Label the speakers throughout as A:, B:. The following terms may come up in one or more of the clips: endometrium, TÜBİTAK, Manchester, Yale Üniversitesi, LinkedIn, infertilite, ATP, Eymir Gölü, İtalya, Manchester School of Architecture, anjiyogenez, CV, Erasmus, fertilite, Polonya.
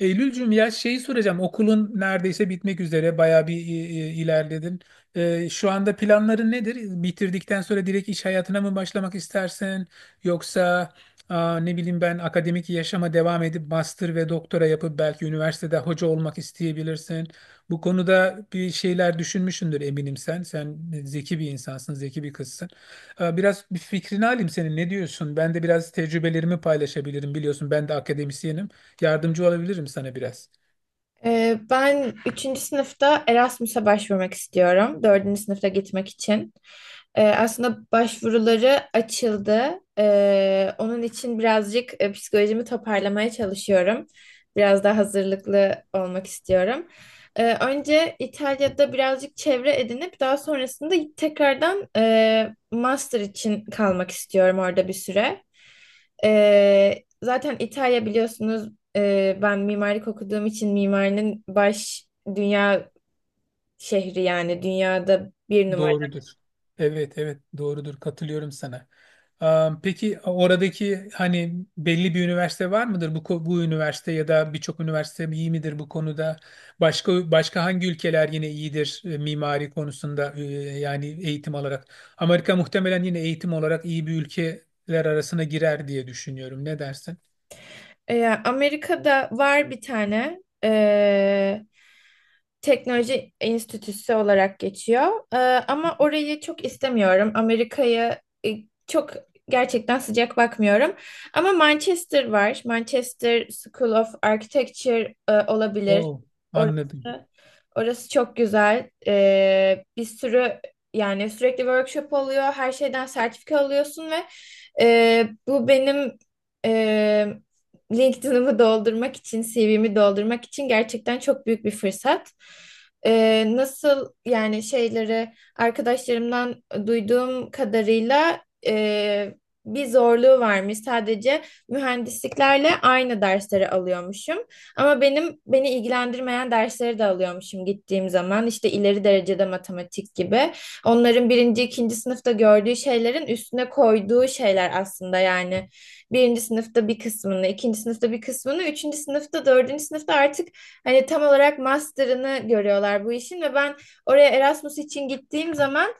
A: Eylülcüm ya şeyi soracağım. Okulun neredeyse bitmek üzere. Bayağı bir ilerledin. Şu anda planların nedir? Bitirdikten sonra direkt iş hayatına mı başlamak istersin? Yoksa ne bileyim ben akademik yaşama devam edip master ve doktora yapıp belki üniversitede hoca olmak isteyebilirsin. Bu konuda bir şeyler düşünmüşsündür eminim sen. Sen zeki bir insansın, zeki bir kızsın. Biraz bir fikrini alayım senin. Ne diyorsun? Ben de biraz tecrübelerimi paylaşabilirim. Biliyorsun ben de akademisyenim. Yardımcı olabilirim sana biraz.
B: Ben üçüncü sınıfta Erasmus'a başvurmak istiyorum dördüncü sınıfta gitmek için. Aslında başvuruları açıldı. Onun için birazcık psikolojimi toparlamaya çalışıyorum. Biraz daha hazırlıklı olmak istiyorum. Önce İtalya'da birazcık çevre edinip daha sonrasında tekrardan master için kalmak istiyorum orada bir süre. Zaten İtalya biliyorsunuz, ben mimarlık okuduğum için mimarinin baş dünya şehri, yani dünyada bir numara.
A: Doğrudur. Evet, evet, doğrudur. Katılıyorum sana. Peki oradaki hani belli bir üniversite var mıdır? Bu üniversite ya da birçok üniversite iyi midir bu konuda? Başka başka hangi ülkeler yine iyidir mimari konusunda, yani eğitim olarak? Amerika muhtemelen yine eğitim olarak iyi bir ülkeler arasına girer diye düşünüyorum. Ne dersin?
B: Amerika'da var bir tane. Teknoloji Enstitüsü olarak geçiyor. Ama orayı çok istemiyorum. Amerika'yı e, çok gerçekten sıcak bakmıyorum. Ama Manchester var. Manchester School of Architecture olabilir.
A: Oo, anladım.
B: Orası, orası çok güzel. Bir sürü, yani sürekli workshop oluyor. Her şeyden sertifika alıyorsun ve bu benim e, LinkedIn'ımı doldurmak için, CV'mi doldurmak için gerçekten çok büyük bir fırsat. Nasıl yani şeyleri, arkadaşlarımdan duyduğum kadarıyla e, bir zorluğu varmış. Sadece mühendisliklerle aynı dersleri alıyormuşum. Ama benim beni ilgilendirmeyen dersleri de alıyormuşum gittiğim zaman. İşte ileri derecede matematik gibi. Onların birinci, ikinci sınıfta gördüğü şeylerin üstüne koyduğu şeyler aslında yani. Birinci sınıfta bir kısmını, ikinci sınıfta bir kısmını, üçüncü sınıfta, dördüncü sınıfta artık hani tam olarak master'ını görüyorlar bu işin ve ben oraya Erasmus için gittiğim zaman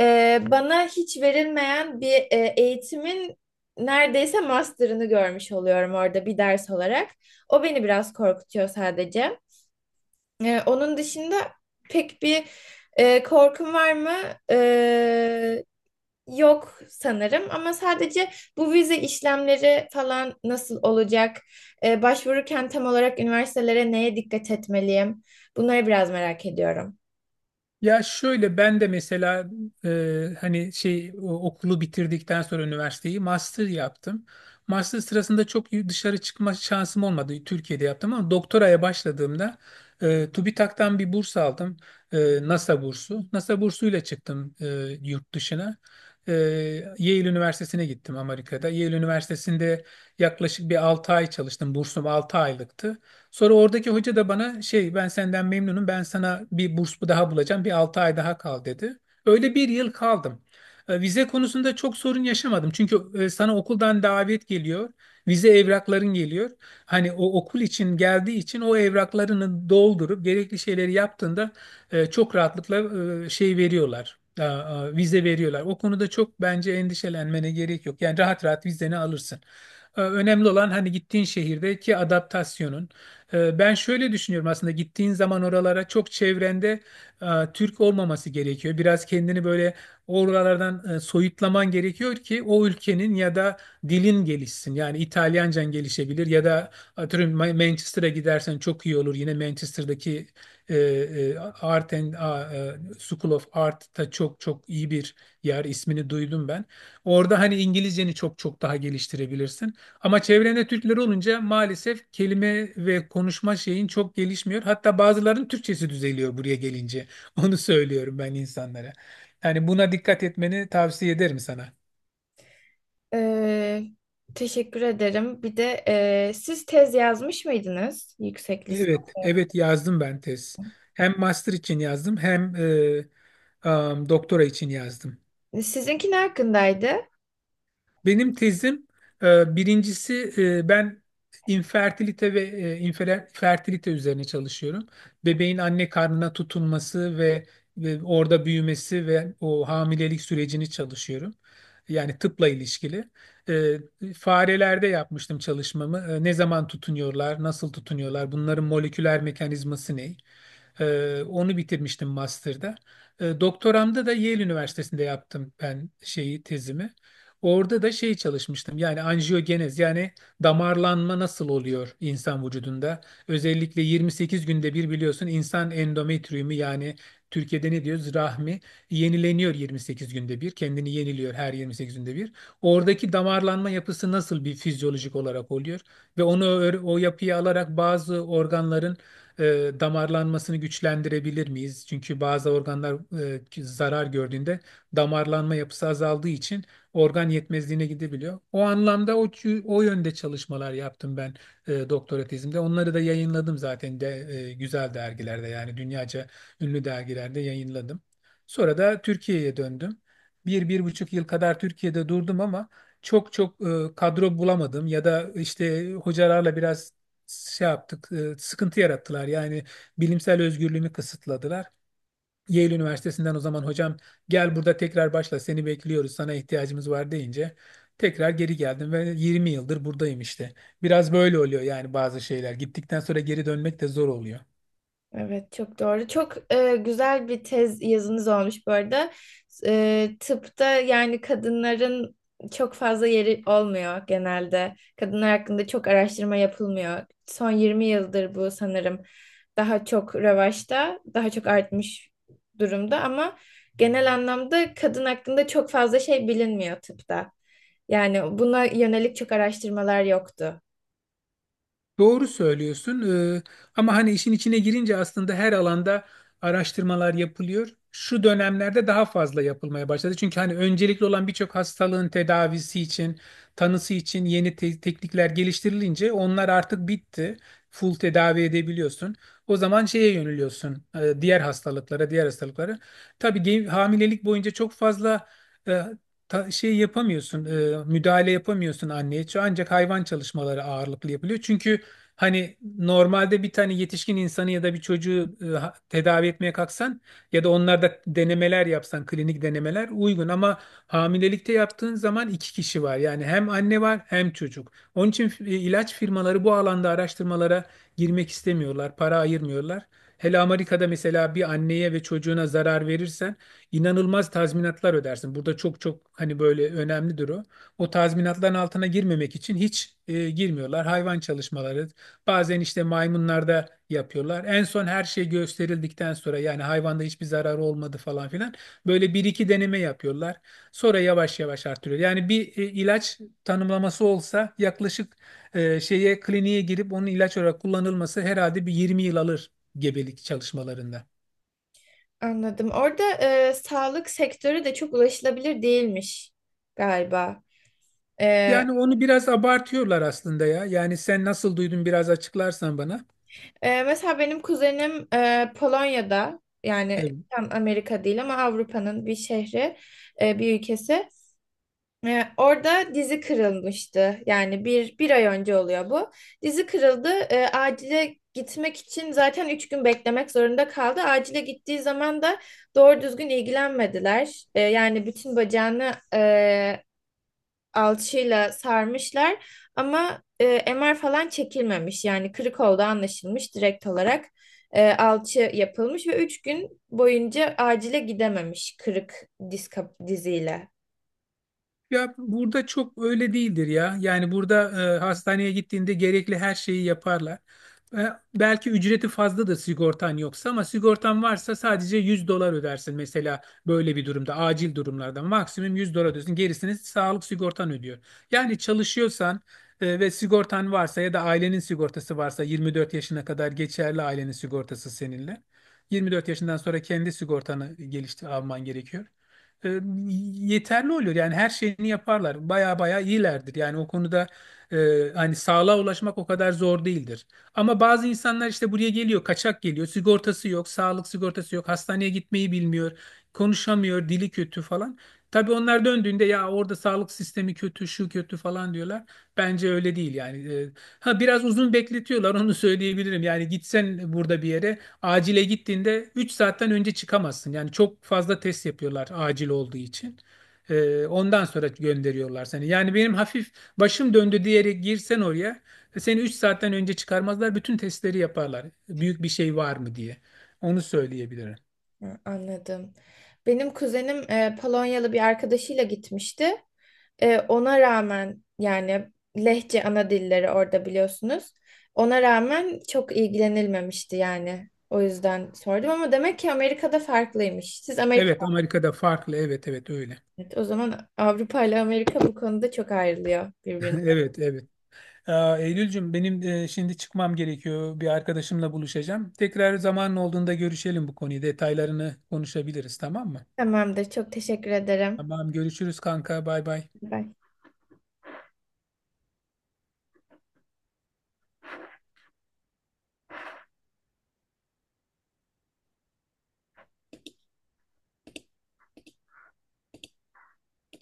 B: bana hiç verilmeyen bir eğitimin neredeyse master'ını görmüş oluyorum orada bir ders olarak. O beni biraz korkutuyor sadece. Onun dışında pek bir korkum var mı? E, Yok sanırım ama sadece bu vize işlemleri falan nasıl olacak? Başvururken tam olarak üniversitelere neye dikkat etmeliyim? Bunları biraz merak ediyorum.
A: Ya şöyle ben de mesela hani okulu bitirdikten sonra üniversiteyi master yaptım. Master sırasında çok dışarı çıkma şansım olmadı. Türkiye'de yaptım ama doktoraya başladığımda TÜBİTAK'tan bir burs aldım. E, NASA bursu. NASA bursuyla çıktım yurt dışına. E, Yale Üniversitesi'ne gittim Amerika'da. Yale Üniversitesi'nde yaklaşık bir 6 ay çalıştım. Bursum 6 aylıktı. Sonra oradaki hoca da bana şey ben senden memnunum, ben sana bir burs daha bulacağım, bir 6 ay daha kal dedi. Öyle bir yıl kaldım. Vize konusunda çok sorun yaşamadım. Çünkü sana okuldan davet geliyor. Vize evrakların geliyor. Hani o okul için geldiği için o evraklarını doldurup gerekli şeyleri yaptığında çok rahatlıkla şey veriyorlar. Vize veriyorlar. O konuda çok bence endişelenmene gerek yok. Yani rahat rahat vizeni alırsın. Önemli olan hani gittiğin şehirdeki adaptasyonun. Ben şöyle düşünüyorum, aslında gittiğin zaman oralara çok çevrende e, Türk olmaması gerekiyor. Biraz kendini böyle oralardan soyutlaman gerekiyor ki o ülkenin ya da dilin gelişsin. Yani İtalyancan gelişebilir ya da atıyorum Manchester'a gidersen çok iyi olur. Yine Manchester'daki Art and School of Art'ta çok çok iyi bir yer ismini duydum ben. Orada hani İngilizceni çok çok daha geliştirebilirsin. Ama çevrende Türkler olunca maalesef kelime ve konuşma şeyin çok gelişmiyor. Hatta bazılarının Türkçesi düzeliyor buraya gelince. Onu söylüyorum ben insanlara. Yani buna dikkat etmeni tavsiye ederim sana.
B: Ee, Teşekkür ederim. Bir de siz tez yazmış mıydınız yüksek lisans?
A: Evet, evet yazdım ben tez. Hem master için yazdım hem doktora için yazdım.
B: Sizinki ne hakkındaydı?
A: Benim tezim, birincisi, ben infertilite ve fertilite üzerine çalışıyorum. Bebeğin anne karnına tutunması ve, ve orada büyümesi ve o hamilelik sürecini çalışıyorum. Yani tıpla ilişkili. E, Farelerde yapmıştım çalışmamı. E, ne zaman tutunuyorlar, nasıl tutunuyorlar, bunların moleküler mekanizması ne? Onu bitirmiştim master'da. Doktoramda da Yale Üniversitesi'nde yaptım ben şeyi, tezimi. Orada da şey çalışmıştım. Yani anjiyogenez, yani damarlanma nasıl oluyor insan vücudunda? Özellikle 28 günde bir, biliyorsun, insan endometriyumu, yani Türkiye'de ne diyoruz, rahmi, yenileniyor 28 günde bir. Kendini yeniliyor her 28 günde bir. Oradaki damarlanma yapısı nasıl bir fizyolojik olarak oluyor ve onu o yapıyı alarak bazı organların damarlanmasını güçlendirebilir miyiz? Çünkü bazı organlar zarar gördüğünde damarlanma yapısı azaldığı için organ yetmezliğine gidebiliyor. O anlamda o yönde çalışmalar yaptım ben doktora tezimde. Onları da yayınladım zaten de güzel dergilerde, yani dünyaca ünlü dergilerde yayınladım. Sonra da Türkiye'ye döndüm. Bir, 1,5 yıl kadar Türkiye'de durdum ama çok çok kadro bulamadım ya da işte hocalarla biraz şey yaptık, sıkıntı yarattılar. Yani bilimsel özgürlüğümü kısıtladılar. Yale Üniversitesi'nden o zaman hocam gel burada tekrar başla, seni bekliyoruz, sana ihtiyacımız var deyince tekrar geri geldim ve 20 yıldır buradayım işte. Biraz böyle oluyor, yani bazı şeyler gittikten sonra geri dönmek de zor oluyor.
B: Evet, çok doğru. Çok güzel bir tez yazınız olmuş bu arada. Tıpta yani kadınların çok fazla yeri olmuyor genelde. Kadınlar hakkında çok araştırma yapılmıyor. Son 20 yıldır bu sanırım daha çok revaçta, daha çok artmış durumda ama genel anlamda kadın hakkında çok fazla şey bilinmiyor tıpta. Yani buna yönelik çok araştırmalar yoktu.
A: Doğru söylüyorsun. Ee, Ama hani işin içine girince aslında her alanda araştırmalar yapılıyor. Şu dönemlerde daha fazla yapılmaya başladı. Çünkü hani öncelikli olan birçok hastalığın tedavisi için, tanısı için yeni teknikler geliştirilince onlar artık bitti. Full tedavi edebiliyorsun. O zaman şeye yöneliyorsun. Diğer hastalıklara, diğer hastalıklara. Tabii hamilelik boyunca çok fazla e, şey yapamıyorsun, müdahale yapamıyorsun anneye. Ancak hayvan çalışmaları ağırlıklı yapılıyor. Çünkü hani normalde bir tane yetişkin insanı ya da bir çocuğu tedavi etmeye kalksan ya da onlarda denemeler yapsan, klinik denemeler uygun ama hamilelikte yaptığın zaman 2 kişi var. Yani hem anne var hem çocuk. Onun için ilaç firmaları bu alanda araştırmalara girmek istemiyorlar, para ayırmıyorlar. Hele Amerika'da mesela bir anneye ve çocuğuna zarar verirsen inanılmaz tazminatlar ödersin. Burada çok çok hani böyle önemlidir o. O tazminatların altına girmemek için hiç girmiyorlar. Hayvan çalışmaları, bazen işte maymunlarda yapıyorlar. En son her şey gösterildikten sonra, yani hayvanda hiçbir zararı olmadı falan filan. Böyle bir iki deneme yapıyorlar. Sonra yavaş yavaş artırıyor. Yani bir ilaç tanımlaması olsa yaklaşık e, şeye kliniğe girip onun ilaç olarak kullanılması herhalde bir 20 yıl alır gebelik çalışmalarında.
B: Anladım. Orada sağlık sektörü de çok ulaşılabilir değilmiş galiba. E,
A: Yani onu biraz abartıyorlar aslında ya. Yani sen nasıl duydun biraz açıklarsan bana.
B: Mesela benim kuzenim Polonya'da, yani
A: E,
B: tam Amerika değil ama Avrupa'nın bir şehri, bir ülkesi. Orada dizi kırılmıştı. Yani bir ay önce oluyor bu. Dizi kırıldı. Acile gitmek için zaten üç gün beklemek zorunda kaldı. Acile gittiği zaman da doğru düzgün ilgilenmediler. Yani bütün bacağını alçıyla sarmışlar ama MR falan çekilmemiş. Yani kırık olduğu anlaşılmış, direkt olarak alçı yapılmış ve 3 gün boyunca acile gidememiş kırık diziyle.
A: Ya burada çok öyle değildir ya. Yani burada hastaneye gittiğinde gerekli her şeyi yaparlar. E, Belki ücreti fazladır sigortan yoksa ama sigortan varsa sadece 100 dolar ödersin mesela, böyle bir durumda acil durumlarda maksimum 100 dolar ödersin. Gerisini sağlık sigortan ödüyor. Yani çalışıyorsan ve sigortan varsa ya da ailenin sigortası varsa 24 yaşına kadar geçerli ailenin sigortası seninle. 24 yaşından sonra kendi sigortanı geliştir alman gerekiyor, e, yeterli oluyor. Yani her şeyini yaparlar. Baya baya iyilerdir. Yani o konuda hani sağlığa ulaşmak o kadar zor değildir. Ama bazı insanlar işte buraya geliyor, kaçak geliyor. Sigortası yok, sağlık sigortası yok, hastaneye gitmeyi bilmiyor, konuşamıyor, dili kötü falan. Tabii onlar döndüğünde ya orada sağlık sistemi kötü, şu kötü falan diyorlar. Bence öyle değil yani. Ha, biraz uzun bekletiyorlar, onu söyleyebilirim. Yani gitsen burada bir yere acile gittiğinde 3 saatten önce çıkamazsın. Yani çok fazla test yapıyorlar acil olduğu için. Ondan sonra gönderiyorlar seni. Yani benim hafif başım döndü diyerek girsen oraya seni 3 saatten önce çıkarmazlar. Bütün testleri yaparlar. Büyük bir şey var mı diye. Onu söyleyebilirim.
B: Hı, anladım. Benim kuzenim Polonyalı bir arkadaşıyla gitmişti. Ona rağmen yani Lehçe ana dilleri orada, biliyorsunuz. Ona rağmen çok ilgilenilmemişti yani. O yüzden sordum ama demek ki Amerika'da farklıymış. Siz.
A: Evet, Amerika'da farklı. Evet, evet öyle.
B: Evet, o zaman Avrupa ile Amerika bu konuda çok ayrılıyor birbirine.
A: Evet, evet. Eylülcüm benim, şimdi çıkmam gerekiyor. Bir arkadaşımla buluşacağım. Tekrar zamanın olduğunda görüşelim bu konuyu. Detaylarını konuşabiliriz, tamam mı?
B: Tamamdır. Çok teşekkür ederim.
A: Tamam, görüşürüz kanka, bay bay.
B: Bye.